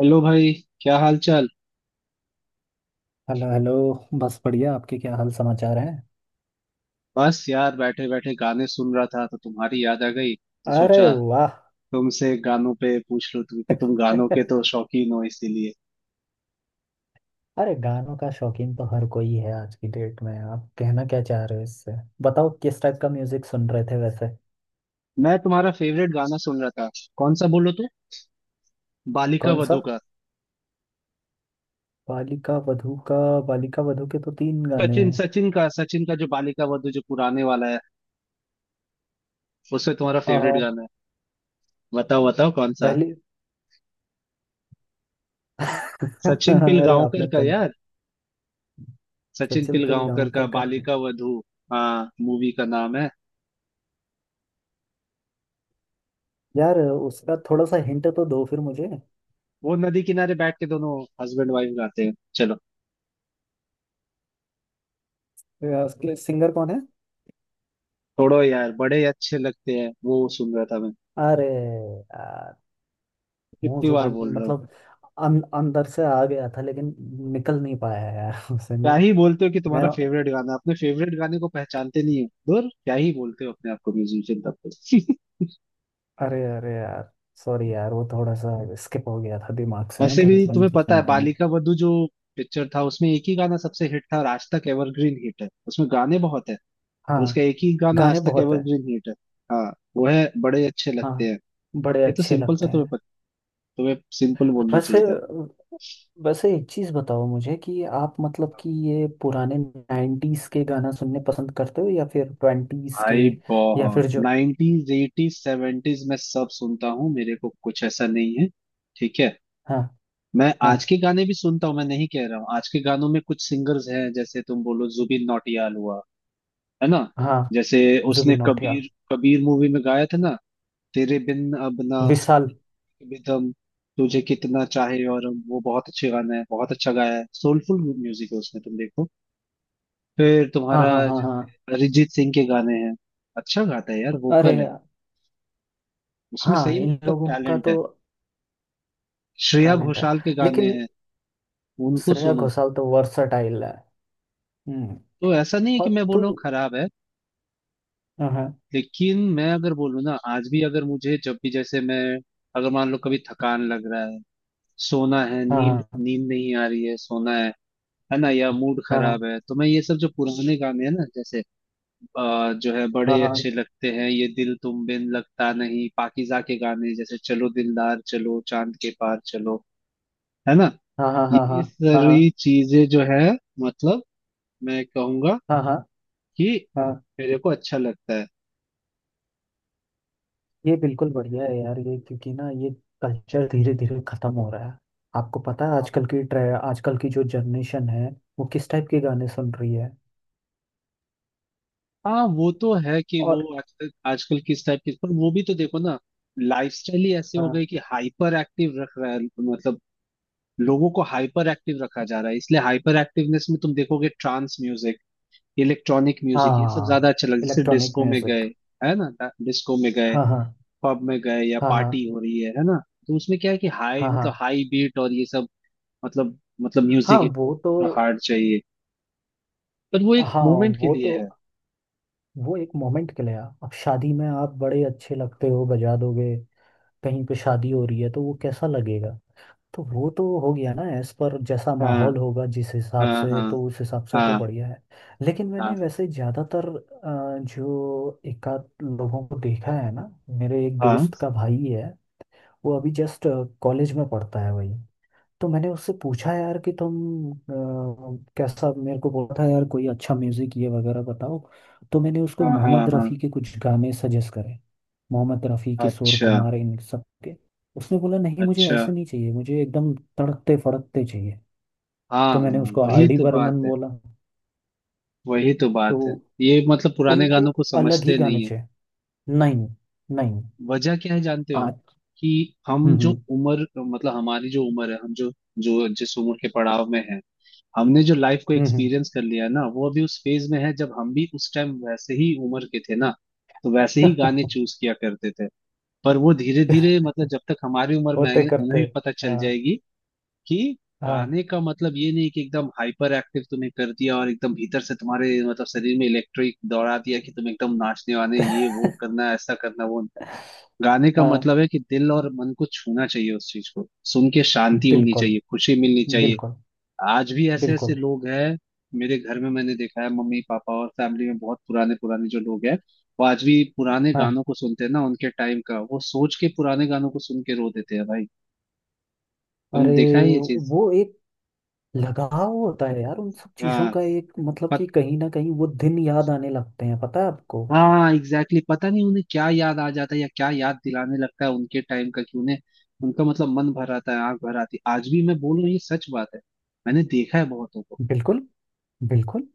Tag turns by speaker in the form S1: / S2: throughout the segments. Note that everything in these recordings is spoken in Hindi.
S1: हेलो भाई। क्या हाल चाल।
S2: Hello hello. बस बढ़िया, आपके क्या हाल समाचार हैं।
S1: बस यार बैठे बैठे गाने सुन रहा था तो तुम्हारी याद आ गई। तो
S2: अरे
S1: सोचा
S2: वाह।
S1: तुमसे गानों पे पूछ लूं तुम कि तुम गानों के तो शौकीन हो इसीलिए।
S2: अरे गानों का शौकीन तो हर कोई है आज की डेट में, आप कहना क्या चाह रहे हो इससे। बताओ किस टाइप का म्यूजिक सुन रहे थे वैसे।
S1: मैं तुम्हारा फेवरेट गाना सुन रहा था। कौन सा बोलो तो। बालिका
S2: कौन सा?
S1: वधू का।
S2: बालिका वधू का? बालिका वधू के तो तीन गाने
S1: सचिन
S2: हैं।
S1: सचिन का जो बालिका वधू जो पुराने वाला है उसमें तुम्हारा
S2: आ,
S1: फेवरेट गाना है। बताओ बताओ कौन सा।
S2: पहले।
S1: सचिन
S2: अरे
S1: पिलगांवकर
S2: आपने
S1: का
S2: कल
S1: यार। सचिन
S2: सचिन
S1: पिलगांवकर का
S2: तेलगांवकर का,
S1: बालिका वधू। हाँ मूवी का नाम है।
S2: यार उसका थोड़ा सा हिंट तो दो फिर मुझे।
S1: वो नदी किनारे बैठ के दोनों हस्बैंड वाइफ गाते हैं चलो।
S2: उसके सिंगर कौन है?
S1: छोड़ो यार बड़े अच्छे लगते हैं, वो सुन रहा था मैं।
S2: अरे मुंह
S1: कितनी बार
S2: जुबानी
S1: बोल रहा हूँ।
S2: मतलब अंदर से आ गया था लेकिन निकल नहीं पाया यार उसे।
S1: क्या
S2: मैं
S1: ही बोलते हो कि
S2: मैं
S1: तुम्हारा फेवरेट गाना, अपने फेवरेट गाने को पहचानते नहीं हो दूर, क्या ही बोलते हो अपने आप को म्यूजिशियन तब तो
S2: अरे अरे यार, सॉरी यार वो थोड़ा सा स्किप हो गया था दिमाग से ना,
S1: वैसे भी
S2: बचपन
S1: तुम्हें
S2: से
S1: पता है
S2: सुनना नहीं।
S1: बालिका वधू जो पिक्चर था उसमें एक ही गाना सबसे हिट था और आज तक एवरग्रीन हिट है, उसमें गाने बहुत है पर उसका
S2: हाँ
S1: एक ही गाना
S2: गाने
S1: आज तक
S2: बहुत हैं।
S1: एवरग्रीन हिट है। हाँ। वो है बड़े अच्छे लगते
S2: हाँ
S1: हैं।
S2: बड़े
S1: ये तो
S2: अच्छे
S1: सिंपल सा
S2: लगते
S1: तुम्हें
S2: हैं।
S1: पता, तुम्हें सिंपल बोलना
S2: वैसे
S1: चाहिए था।
S2: वैसे एक चीज बताओ मुझे कि आप मतलब कि ये पुराने 90s के गाना सुनने पसंद करते हो या फिर ट्वेंटीज के
S1: भाई
S2: या
S1: बहुत
S2: फिर जो।
S1: नाइनटीज एटीज सेवेंटीज में सब सुनता हूँ, मेरे को कुछ ऐसा नहीं है। ठीक है।
S2: हाँ
S1: मैं
S2: हाँ
S1: आज के गाने भी सुनता हूँ, मैं नहीं कह रहा हूँ। आज के गानों में कुछ सिंगर्स हैं जैसे तुम बोलो जुबिन नौटियाल हुआ, है ना।
S2: हाँ।
S1: जैसे उसने
S2: जुबिन नौटियाल।
S1: कबीर, कबीर मूवी में गाया था ना, तेरे बिन अब ना
S2: विशाल।
S1: बिदम, तुझे कितना चाहे और हम", वो बहुत अच्छे गाना है, बहुत अच्छा गाया है, सोलफुल म्यूजिक है उसमें, तुम देखो। फिर
S2: हाँ
S1: तुम्हारा
S2: हाँ हाँ हाँ।
S1: जैसे अरिजीत सिंह के गाने हैं, अच्छा गाता है यार,
S2: अरे
S1: वोकल है
S2: यार।
S1: उसमें,
S2: हाँ
S1: सही में
S2: इन
S1: उसका
S2: लोगों का
S1: टैलेंट
S2: तो
S1: है। श्रेया
S2: टैलेंट है
S1: घोषाल के गाने
S2: लेकिन
S1: हैं, उनको
S2: श्रेया
S1: सुनो।
S2: घोषाल तो वर्सटाइल है। हम्म।
S1: तो ऐसा नहीं है
S2: और
S1: कि मैं बोल
S2: तू।
S1: रहा हूँ खराब है।
S2: हाँ हाँ
S1: लेकिन मैं अगर बोलूँ ना, आज भी अगर मुझे जब भी जैसे मैं अगर मान लो कभी थकान लग रहा है, सोना है, नींद
S2: हाँ
S1: नींद नहीं आ रही है, सोना है ना, या मूड
S2: हाँ हाँ
S1: खराब है, तो मैं ये सब जो पुराने गाने हैं ना जैसे जो है बड़े
S2: हाँ
S1: अच्छे लगते हैं, ये दिल तुम बिन लगता नहीं, पाकीज़ा के गाने जैसे चलो दिलदार चलो चांद के पार चलो, है ना,
S2: हाँ हाँ हाँ हाँ
S1: ये
S2: हाँ हाँ
S1: सारी चीजें जो है, मतलब मैं कहूंगा
S2: हाँ हाँ
S1: कि
S2: हाँ, हाँ।
S1: मेरे को अच्छा लगता है।
S2: ये बिल्कुल बढ़िया है यार, ये क्योंकि ना ये कल्चर धीरे धीरे खत्म हो रहा है। आपको पता है आजकल की ट्रे, आजकल की जो जनरेशन है वो किस टाइप के गाने सुन रही है।
S1: हाँ वो तो है कि वो
S2: और
S1: आजकल आजकल किस टाइप की, पर वो भी तो देखो ना, लाइफस्टाइल ही ऐसे हो
S2: हाँ
S1: गई कि हाइपर एक्टिव रख रहा है, मतलब लोगों को हाइपर एक्टिव रखा जा रहा है, इसलिए हाइपर एक्टिवनेस में तुम देखोगे ट्रांस म्यूजिक, इलेक्ट्रॉनिक म्यूजिक, ये सब
S2: हाँ
S1: ज्यादा अच्छा लग, जैसे
S2: इलेक्ट्रॉनिक
S1: डिस्को में गए,
S2: म्यूजिक।
S1: है ना, डिस्को में गए,
S2: हाँ हाँ
S1: पब में गए, या
S2: हाँ
S1: पार्टी
S2: हाँ
S1: हो रही है ना, तो उसमें क्या है कि हाई,
S2: हाँ हाँ
S1: मतलब हाई बीट और ये सब, मतलब
S2: हाँ।
S1: म्यूजिक
S2: वो तो
S1: हार्ड चाहिए, पर वो एक
S2: हाँ
S1: मोमेंट के
S2: वो
S1: लिए
S2: तो
S1: है।
S2: वो एक मोमेंट के लिए, अब शादी में आप बड़े अच्छे लगते हो बजा दोगे, कहीं पे शादी हो रही है तो वो कैसा लगेगा। तो वो तो हो गया ना, एज पर जैसा
S1: हाँ
S2: माहौल होगा जिस हिसाब
S1: हाँ
S2: से,
S1: हाँ
S2: तो उस हिसाब से तो
S1: हाँ
S2: बढ़िया है। लेकिन
S1: हाँ
S2: मैंने वैसे ज़्यादातर जो एकाध लोगों को देखा है ना, मेरे एक
S1: हाँ
S2: दोस्त का भाई है। वो अभी जस्ट कॉलेज में पढ़ता है वही। तो मैंने उससे पूछा यार कि तुम कैसा, मेरे को बोला था यार कोई अच्छा म्यूजिक ये वगैरह बताओ। तो मैंने उसको
S1: हाँ हाँ
S2: मोहम्मद
S1: हाँ,
S2: रफ़ी के कुछ गाने सजेस्ट करे। मोहम्मद रफ़ी, किशोर
S1: अच्छा।
S2: कुमार, इन सब के। उसने बोला नहीं मुझे
S1: अच्छा।
S2: ऐसे नहीं चाहिए, मुझे एकदम तड़कते फड़कते चाहिए।
S1: हाँ
S2: तो मैंने
S1: हाँ
S2: उसको आर
S1: वही
S2: डी
S1: तो बात
S2: बर्मन
S1: है।
S2: बोला।
S1: वही तो
S2: तो
S1: बात है। ये मतलब पुराने
S2: उनको
S1: गानों को
S2: अलग ही
S1: समझते
S2: गाने
S1: नहीं है।
S2: चाहिए। नहीं नहीं।
S1: वजह क्या है जानते हो
S2: आज।
S1: कि हम
S2: हम्म
S1: जो
S2: हम्म
S1: उम्र, मतलब हमारी जो उम्र है, हम जो जो जिस उम्र के पड़ाव में है, हमने जो लाइफ को
S2: हम्म, हम्म।
S1: एक्सपीरियंस कर लिया है ना, वो अभी उस फेज में है जब हम भी उस टाइम वैसे ही उम्र के थे ना, तो वैसे ही गाने चूज किया करते थे। पर वो धीरे धीरे, मतलब जब तक हमारी उम्र में
S2: होते
S1: आएंगे
S2: करते।
S1: उन्हें भी पता चल
S2: हाँ
S1: जाएगी कि
S2: हाँ।
S1: गाने का मतलब ये नहीं कि एकदम हाइपर एक्टिव तुम्हें कर दिया और एकदम भीतर से तुम्हारे मतलब शरीर में इलेक्ट्रिक दौड़ा दिया, कि तुम एकदम नाचने वाने ये वो करना ऐसा करना वो। गाने का
S2: हाँ
S1: मतलब है कि दिल और मन को छूना चाहिए उस चीज को, सुन के शांति होनी
S2: बिल्कुल
S1: चाहिए, खुशी मिलनी चाहिए।
S2: बिल्कुल
S1: आज भी ऐसे ऐसे
S2: बिल्कुल।
S1: लोग हैं, मेरे घर में मैंने देखा है, मम्मी पापा और फैमिली में बहुत पुराने पुराने जो लोग हैं, वो आज भी पुराने
S2: हाँ
S1: गानों को सुनते हैं ना, उनके टाइम का वो सोच के पुराने गानों को सुन के रो देते हैं भाई। तुमने
S2: अरे
S1: देखा है ये चीज।
S2: वो एक लगाव होता है यार उन सब चीजों
S1: हाँ
S2: का एक मतलब, कि
S1: पत,
S2: कहीं ना कहीं वो दिन याद आने लगते हैं पता है आपको।
S1: हाँ एग्जैक्टली exactly, पता नहीं उन्हें क्या याद आ जाता है या क्या याद दिलाने लगता है उनके टाइम का, कि उन्हें उनका मतलब मन भर आता है, आंख भर आती है। आज भी मैं बोल रहा हूँ, ये सच बात है। मैंने देखा है बहुतों को।
S2: बिल्कुल बिल्कुल।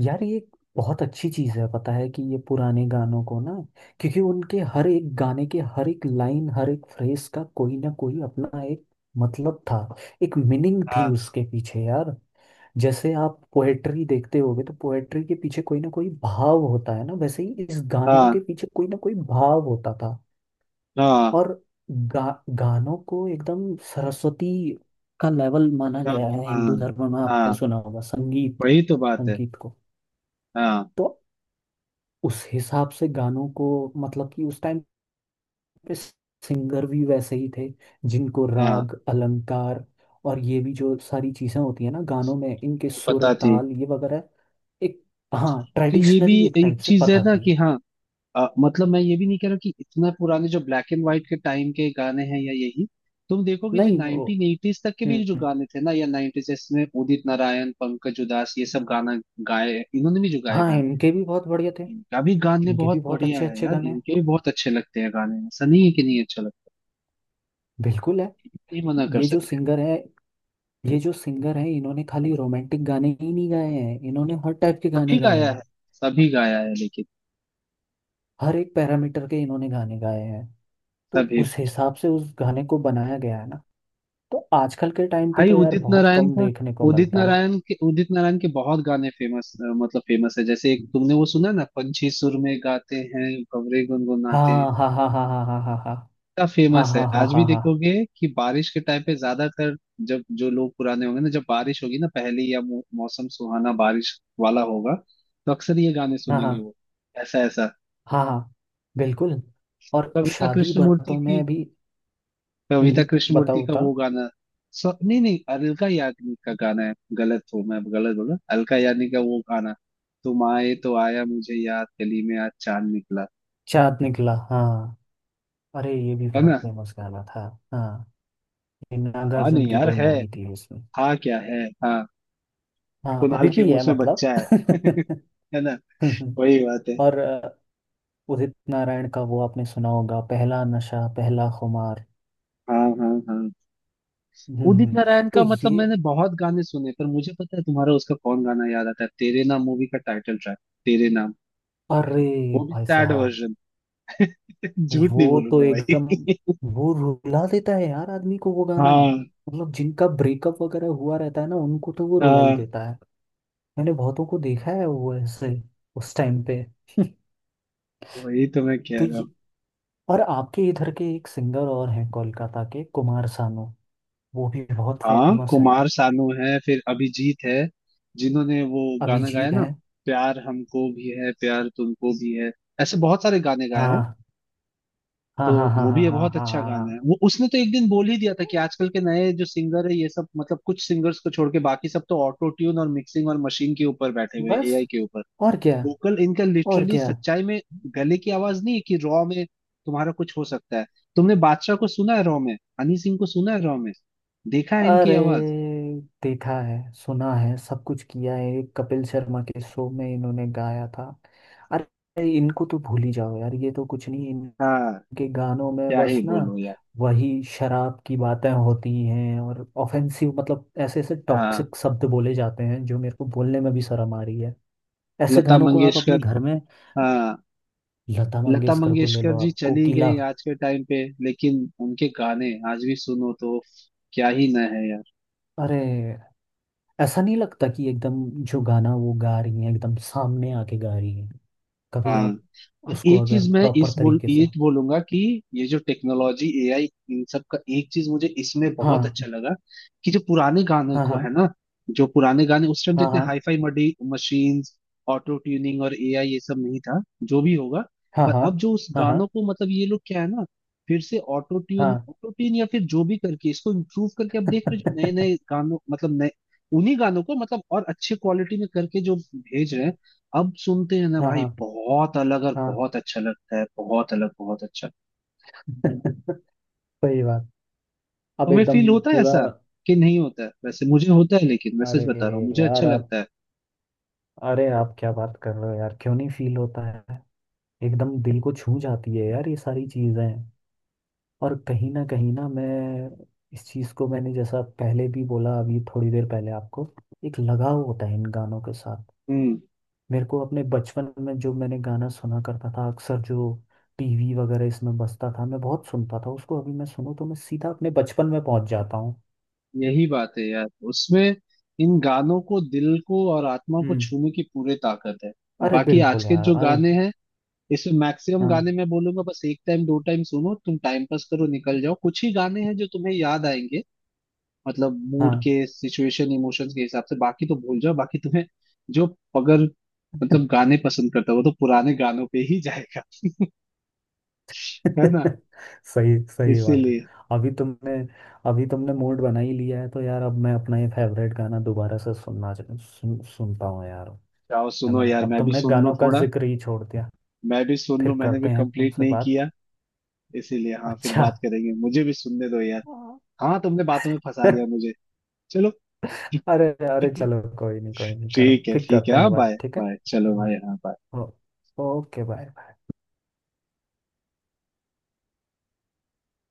S2: यार ये एक बहुत अच्छी चीज है पता है, कि ये पुराने गानों को ना, क्योंकि उनके हर एक गाने के हर एक लाइन हर एक फ्रेज का कोई ना कोई अपना एक मतलब था, एक मीनिंग थी
S1: हाँ
S2: उसके पीछे यार। जैसे आप पोएट्री देखते होगे तो पोएट्री के पीछे कोई ना कोई भाव होता है ना, वैसे ही इस गानों के
S1: हाँ
S2: पीछे कोई ना कोई भाव होता था।
S1: हाँ
S2: और गानों को एकदम सरस्वती का लेवल माना
S1: हाँ
S2: गया है
S1: हाँ
S2: हिंदू
S1: हाँ,
S2: धर्म में, आपने
S1: हाँ,
S2: सुना होगा संगीत,
S1: वही तो बात है।
S2: संगीत को।
S1: हाँ।
S2: तो उस हिसाब से गानों को मतलब कि उस टाइम सिंगर भी वैसे ही थे, जिनको
S1: हाँ।
S2: राग अलंकार और ये भी जो सारी चीजें होती है ना गानों में, इनके
S1: वो
S2: सुर
S1: पता थी।
S2: ताल ये वगैरह एक, हाँ
S1: तो ये भी
S2: ट्रेडिशनली एक
S1: एक
S2: टाइप से
S1: चीज है
S2: पता
S1: ना
S2: थी।
S1: कि हाँ मतलब मैं ये भी नहीं कह रहा कि इतना पुराने जो ब्लैक एंड व्हाइट के टाइम के गाने हैं या यही, तुम देखोगे जो
S2: नहीं वो
S1: नाइनटीन एटीज तक के भी जो
S2: हम्म।
S1: गाने थे ना या नाइनटीज, इसमें उदित नारायण पंकज उधास ये सब गाना गाए, इन्होंने भी जो गाए
S2: हाँ
S1: गाने,
S2: इनके भी बहुत बढ़िया थे।
S1: इनका भी गाने
S2: इनके भी
S1: बहुत
S2: बहुत
S1: बढ़िया
S2: अच्छे
S1: है
S2: अच्छे
S1: यार,
S2: गाने हैं।
S1: इनके भी बहुत अच्छे लगते हैं गाने, ऐसा नहीं है कि नहीं अच्छा लगता,
S2: बिल्कुल है।
S1: नहीं मना कर
S2: ये जो
S1: सकते।
S2: सिंगर है, ये जो सिंगर है इन्होंने खाली रोमांटिक गाने ही नहीं गाए हैं, इन्होंने हर टाइप के
S1: सभी
S2: गाने गाए
S1: गाया है।
S2: हैं।
S1: सभी गाया है लेकिन,
S2: हर एक पैरामीटर के इन्होंने गाने गाए हैं। तो
S1: सभी
S2: उस
S1: कुछ।
S2: हिसाब से उस गाने को बनाया गया है ना। तो आजकल के टाइम पे
S1: भाई
S2: तो यार
S1: उदित
S2: बहुत
S1: नारायण
S2: कम
S1: का,
S2: देखने को
S1: उदित
S2: मिलता है।
S1: नारायण के उदित नारायण के बहुत गाने फेमस, मतलब फेमस है, जैसे एक तुमने वो सुना ना पंछी सुर में गाते हैं भंवरे गुनगुनाते हैं,
S2: हाँ हाँ हाँ हाँ हाँ हाँ हाँ हाँ
S1: इतना
S2: हाँ
S1: फेमस है,
S2: हाँ हाँ
S1: आज भी
S2: हाँ हाँ
S1: देखोगे कि बारिश के टाइम पे ज्यादातर जब जो लोग पुराने होंगे ना, जब बारिश होगी ना पहली या मौसम सुहाना बारिश वाला होगा तो अक्सर ये गाने
S2: हाँ हाँ
S1: सुनेंगे वो, ऐसा ऐसा।
S2: हाँ हाँ, बिल्कुल। और
S1: कविता
S2: शादी
S1: कृष्णमूर्ति
S2: बरतों
S1: की,
S2: में भी।
S1: कविता
S2: हम्म,
S1: कृष्णमूर्ति
S2: बताओ
S1: का
S2: बताओ।
S1: वो गाना, सो नहीं नहीं अलका याग्निक का गाना है, गलत हूँ मैं गलत बोला, अलका याग्निक का वो गाना, तुम आए तो आया मुझे याद, गली में आज चांद निकला,
S2: चाँद निकला, हाँ अरे ये भी
S1: है
S2: बहुत
S1: ना।
S2: फेमस गाना था। हाँ ये
S1: हाँ
S2: नागार्जुन
S1: नहीं
S2: की
S1: यार
S2: कोई
S1: है।
S2: मूवी थी उसमें।
S1: हाँ क्या है हाँ।
S2: हाँ
S1: कुणाल
S2: अभी भी
S1: खेमू
S2: है
S1: उसमें
S2: मतलब।
S1: बच्चा है है ना, वही बात है।
S2: और उदित नारायण का वो आपने सुना होगा, पहला नशा पहला खुमार।
S1: हाँ हाँ हाँ।
S2: हम्म
S1: उदित
S2: हम्म,
S1: नारायण
S2: तो
S1: का मतलब
S2: ये
S1: मैंने बहुत गाने सुने, पर मुझे पता है तुम्हारा उसका कौन गाना याद आता है, तेरे नाम मूवी का टाइटल ट्रैक, तेरे नाम,
S2: अरे
S1: वो भी
S2: भाई
S1: सैड
S2: साहब,
S1: वर्जन झूठ नहीं
S2: वो तो
S1: बोलूंगा
S2: एकदम
S1: भाई।
S2: वो रुला देता है यार आदमी को वो गाना।
S1: हाँ।
S2: मतलब जिनका ब्रेकअप वगैरह हुआ रहता है ना उनको तो वो रुला ही
S1: हाँ
S2: देता है। मैंने बहुतों को देखा है वो ऐसे उस टाइम पे।
S1: वही तो मैं कह
S2: तो
S1: रहा
S2: ये
S1: हूँ।
S2: और आपके इधर के एक सिंगर और हैं कोलकाता के, कुमार सानू, वो भी बहुत
S1: हाँ
S2: फेमस हैं।
S1: कुमार सानू है, फिर अभिजीत है, जिन्होंने वो गाना गाया
S2: अभिजीत
S1: ना,
S2: हैं।
S1: प्यार हमको भी है प्यार तुमको भी है, ऐसे बहुत सारे गाने गाए हैं।
S2: हाँ हाँ
S1: तो
S2: हाँ हाँ
S1: वो भी
S2: हाँ
S1: है
S2: हाँ
S1: बहुत
S2: हाँ
S1: अच्छा
S2: हाँ हाँ।
S1: गाना है वो। उसने तो एक दिन बोल ही दिया था कि आजकल के नए जो सिंगर है ये सब, मतलब कुछ सिंगर्स को छोड़ के बाकी सब तो ऑटो ट्यून और मिक्सिंग और मशीन के ऊपर बैठे हुए
S2: बस,
S1: एआई के ऊपर,
S2: और क्या,
S1: वोकल इनका
S2: और
S1: लिटरली,
S2: क्या।
S1: सच्चाई में गले की आवाज नहीं है, कि रॉ में तुम्हारा कुछ हो सकता है। तुमने बादशाह को सुना है रॉ में, हनी सिंह को सुना है रॉ में, देखा है इनकी
S2: अरे
S1: आवाज।
S2: देखा है सुना है सब कुछ किया है, एक कपिल शर्मा के शो में इन्होंने गाया था। अरे इनको तो भूल ही जाओ यार, ये तो कुछ नहीं
S1: हाँ
S2: इनके गानों में
S1: क्या ही
S2: बस ना
S1: बोलो यार।
S2: वही शराब की बातें होती हैं और ऑफेंसिव, मतलब ऐसे ऐसे
S1: हाँ
S2: टॉक्सिक शब्द बोले जाते हैं जो मेरे को बोलने में भी शर्म आ रही है। ऐसे
S1: लता
S2: गानों को आप अपने
S1: मंगेशकर।
S2: घर में।
S1: हाँ
S2: लता
S1: लता
S2: मंगेशकर को ले
S1: मंगेशकर
S2: लो
S1: जी
S2: आप,
S1: चली
S2: कोकिला।
S1: गई आज के टाइम पे, लेकिन उनके गाने आज भी सुनो तो क्या ही न है यार।
S2: अरे ऐसा नहीं लगता कि एकदम जो गाना वो गा रही हैं एकदम सामने आके गा रही हैं। कभी
S1: हाँ
S2: आप
S1: और
S2: उसको
S1: एक
S2: अगर
S1: चीज मैं
S2: प्रॉपर
S1: इस बोल
S2: तरीके से।
S1: ये बोलूंगा कि ये जो टेक्नोलॉजी एआई इन सब का, एक चीज मुझे इसमें बहुत
S2: हाँ
S1: अच्छा लगा कि जो पुराने गाने
S2: हाँ
S1: को है
S2: हाँ
S1: ना, जो पुराने गाने उस टाइम तो
S2: हाँ
S1: इतने
S2: हाँ
S1: हाईफाई मडी मशीन्स, ऑटो ट्यूनिंग और एआई ये सब नहीं था, जो भी होगा,
S2: हाँ
S1: पर
S2: हाँ
S1: अब जो उस गानों
S2: हाँ
S1: को, मतलब ये लोग क्या है ना, फिर से
S2: हाँ हाँ।
S1: ऑटो ट्यून या फिर जो भी करके इसको इम्प्रूव करके अब देख रहे हो, जो नए नए गानों मतलब नए, उन्हीं गानों को मतलब और अच्छे क्वालिटी में करके जो भेज रहे हैं, अब सुनते हैं ना
S2: हाँ
S1: भाई
S2: हाँ
S1: बहुत अलग और
S2: हाँ।
S1: बहुत अच्छा लगता है, बहुत अलग बहुत अच्छा।
S2: सही बात, अब
S1: तुम्हें
S2: एकदम
S1: फील होता है
S2: पूरा।
S1: ऐसा कि नहीं होता है, वैसे मुझे होता है, लेकिन मैं सच
S2: अरे
S1: बता रहा हूँ मुझे अच्छा
S2: यार आप,
S1: लगता है।
S2: अरे आप क्या बात कर रहे हो यार, क्यों नहीं फील होता है। एकदम दिल को छू जाती है यार ये सारी चीज़ें। और कहीं ना मैं इस चीज़ को, मैंने जैसा पहले भी बोला अभी थोड़ी देर पहले आपको, एक लगाव होता है इन गानों के साथ।
S1: हम्म।
S2: मेरे को अपने बचपन में जो मैंने गाना सुना करता था अक्सर जो टीवी वगैरह इसमें बजता था मैं बहुत सुनता था उसको, अभी मैं सुनूं तो मैं सीधा अपने बचपन में पहुंच जाता हूँ।
S1: यही बात है यार, उसमें इन गानों को दिल को और आत्मा को
S2: हम्म।
S1: छूने की पूरी ताकत है। और
S2: अरे
S1: बाकी आज
S2: बिल्कुल
S1: के
S2: यार,
S1: जो
S2: अरे
S1: गाने हैं, इसमें मैक्सिमम
S2: हाँ
S1: गाने मैं बोलूंगा बस एक टाइम दो टाइम सुनो, तुम टाइम पास करो निकल जाओ, कुछ ही गाने हैं जो तुम्हें याद आएंगे, मतलब मूड
S2: हाँ।
S1: के सिचुएशन इमोशंस के हिसाब से, बाकी तो भूल जाओ। बाकी तुम्हें जो, अगर मतलब गाने पसंद करता है वो तो पुराने गानों पे ही जाएगा, है ना,
S2: सही सही बात है।
S1: इसीलिए।
S2: अभी तुमने अभी तुमने मूड बना ही लिया है तो यार, अब मैं अपना ये फेवरेट गाना दोबारा से सुनना सुनता हूँ यार।
S1: जाओ
S2: है
S1: सुनो
S2: ना,
S1: यार,
S2: अब
S1: मैं भी
S2: तुमने
S1: सुन लूं
S2: गानों का
S1: थोड़ा,
S2: जिक्र ही छोड़ दिया।
S1: मैं भी सुन
S2: फिर
S1: लूं, मैंने भी
S2: करते हैं
S1: कंप्लीट
S2: तुमसे
S1: नहीं
S2: बात।
S1: किया, इसीलिए। हाँ फिर
S2: अच्छा।
S1: बात करेंगे, मुझे भी सुनने दो यार। हाँ तुमने बातों में फंसा लिया मुझे। चलो।
S2: अरे अरे चलो कोई नहीं कोई नहीं, करो फिर
S1: ठीक है
S2: करते हैं
S1: हाँ
S2: बात,
S1: बाय
S2: ठीक है।
S1: बाय चलो
S2: हम्म,
S1: भाई हाँ bye।
S2: ओ, ओके बाय।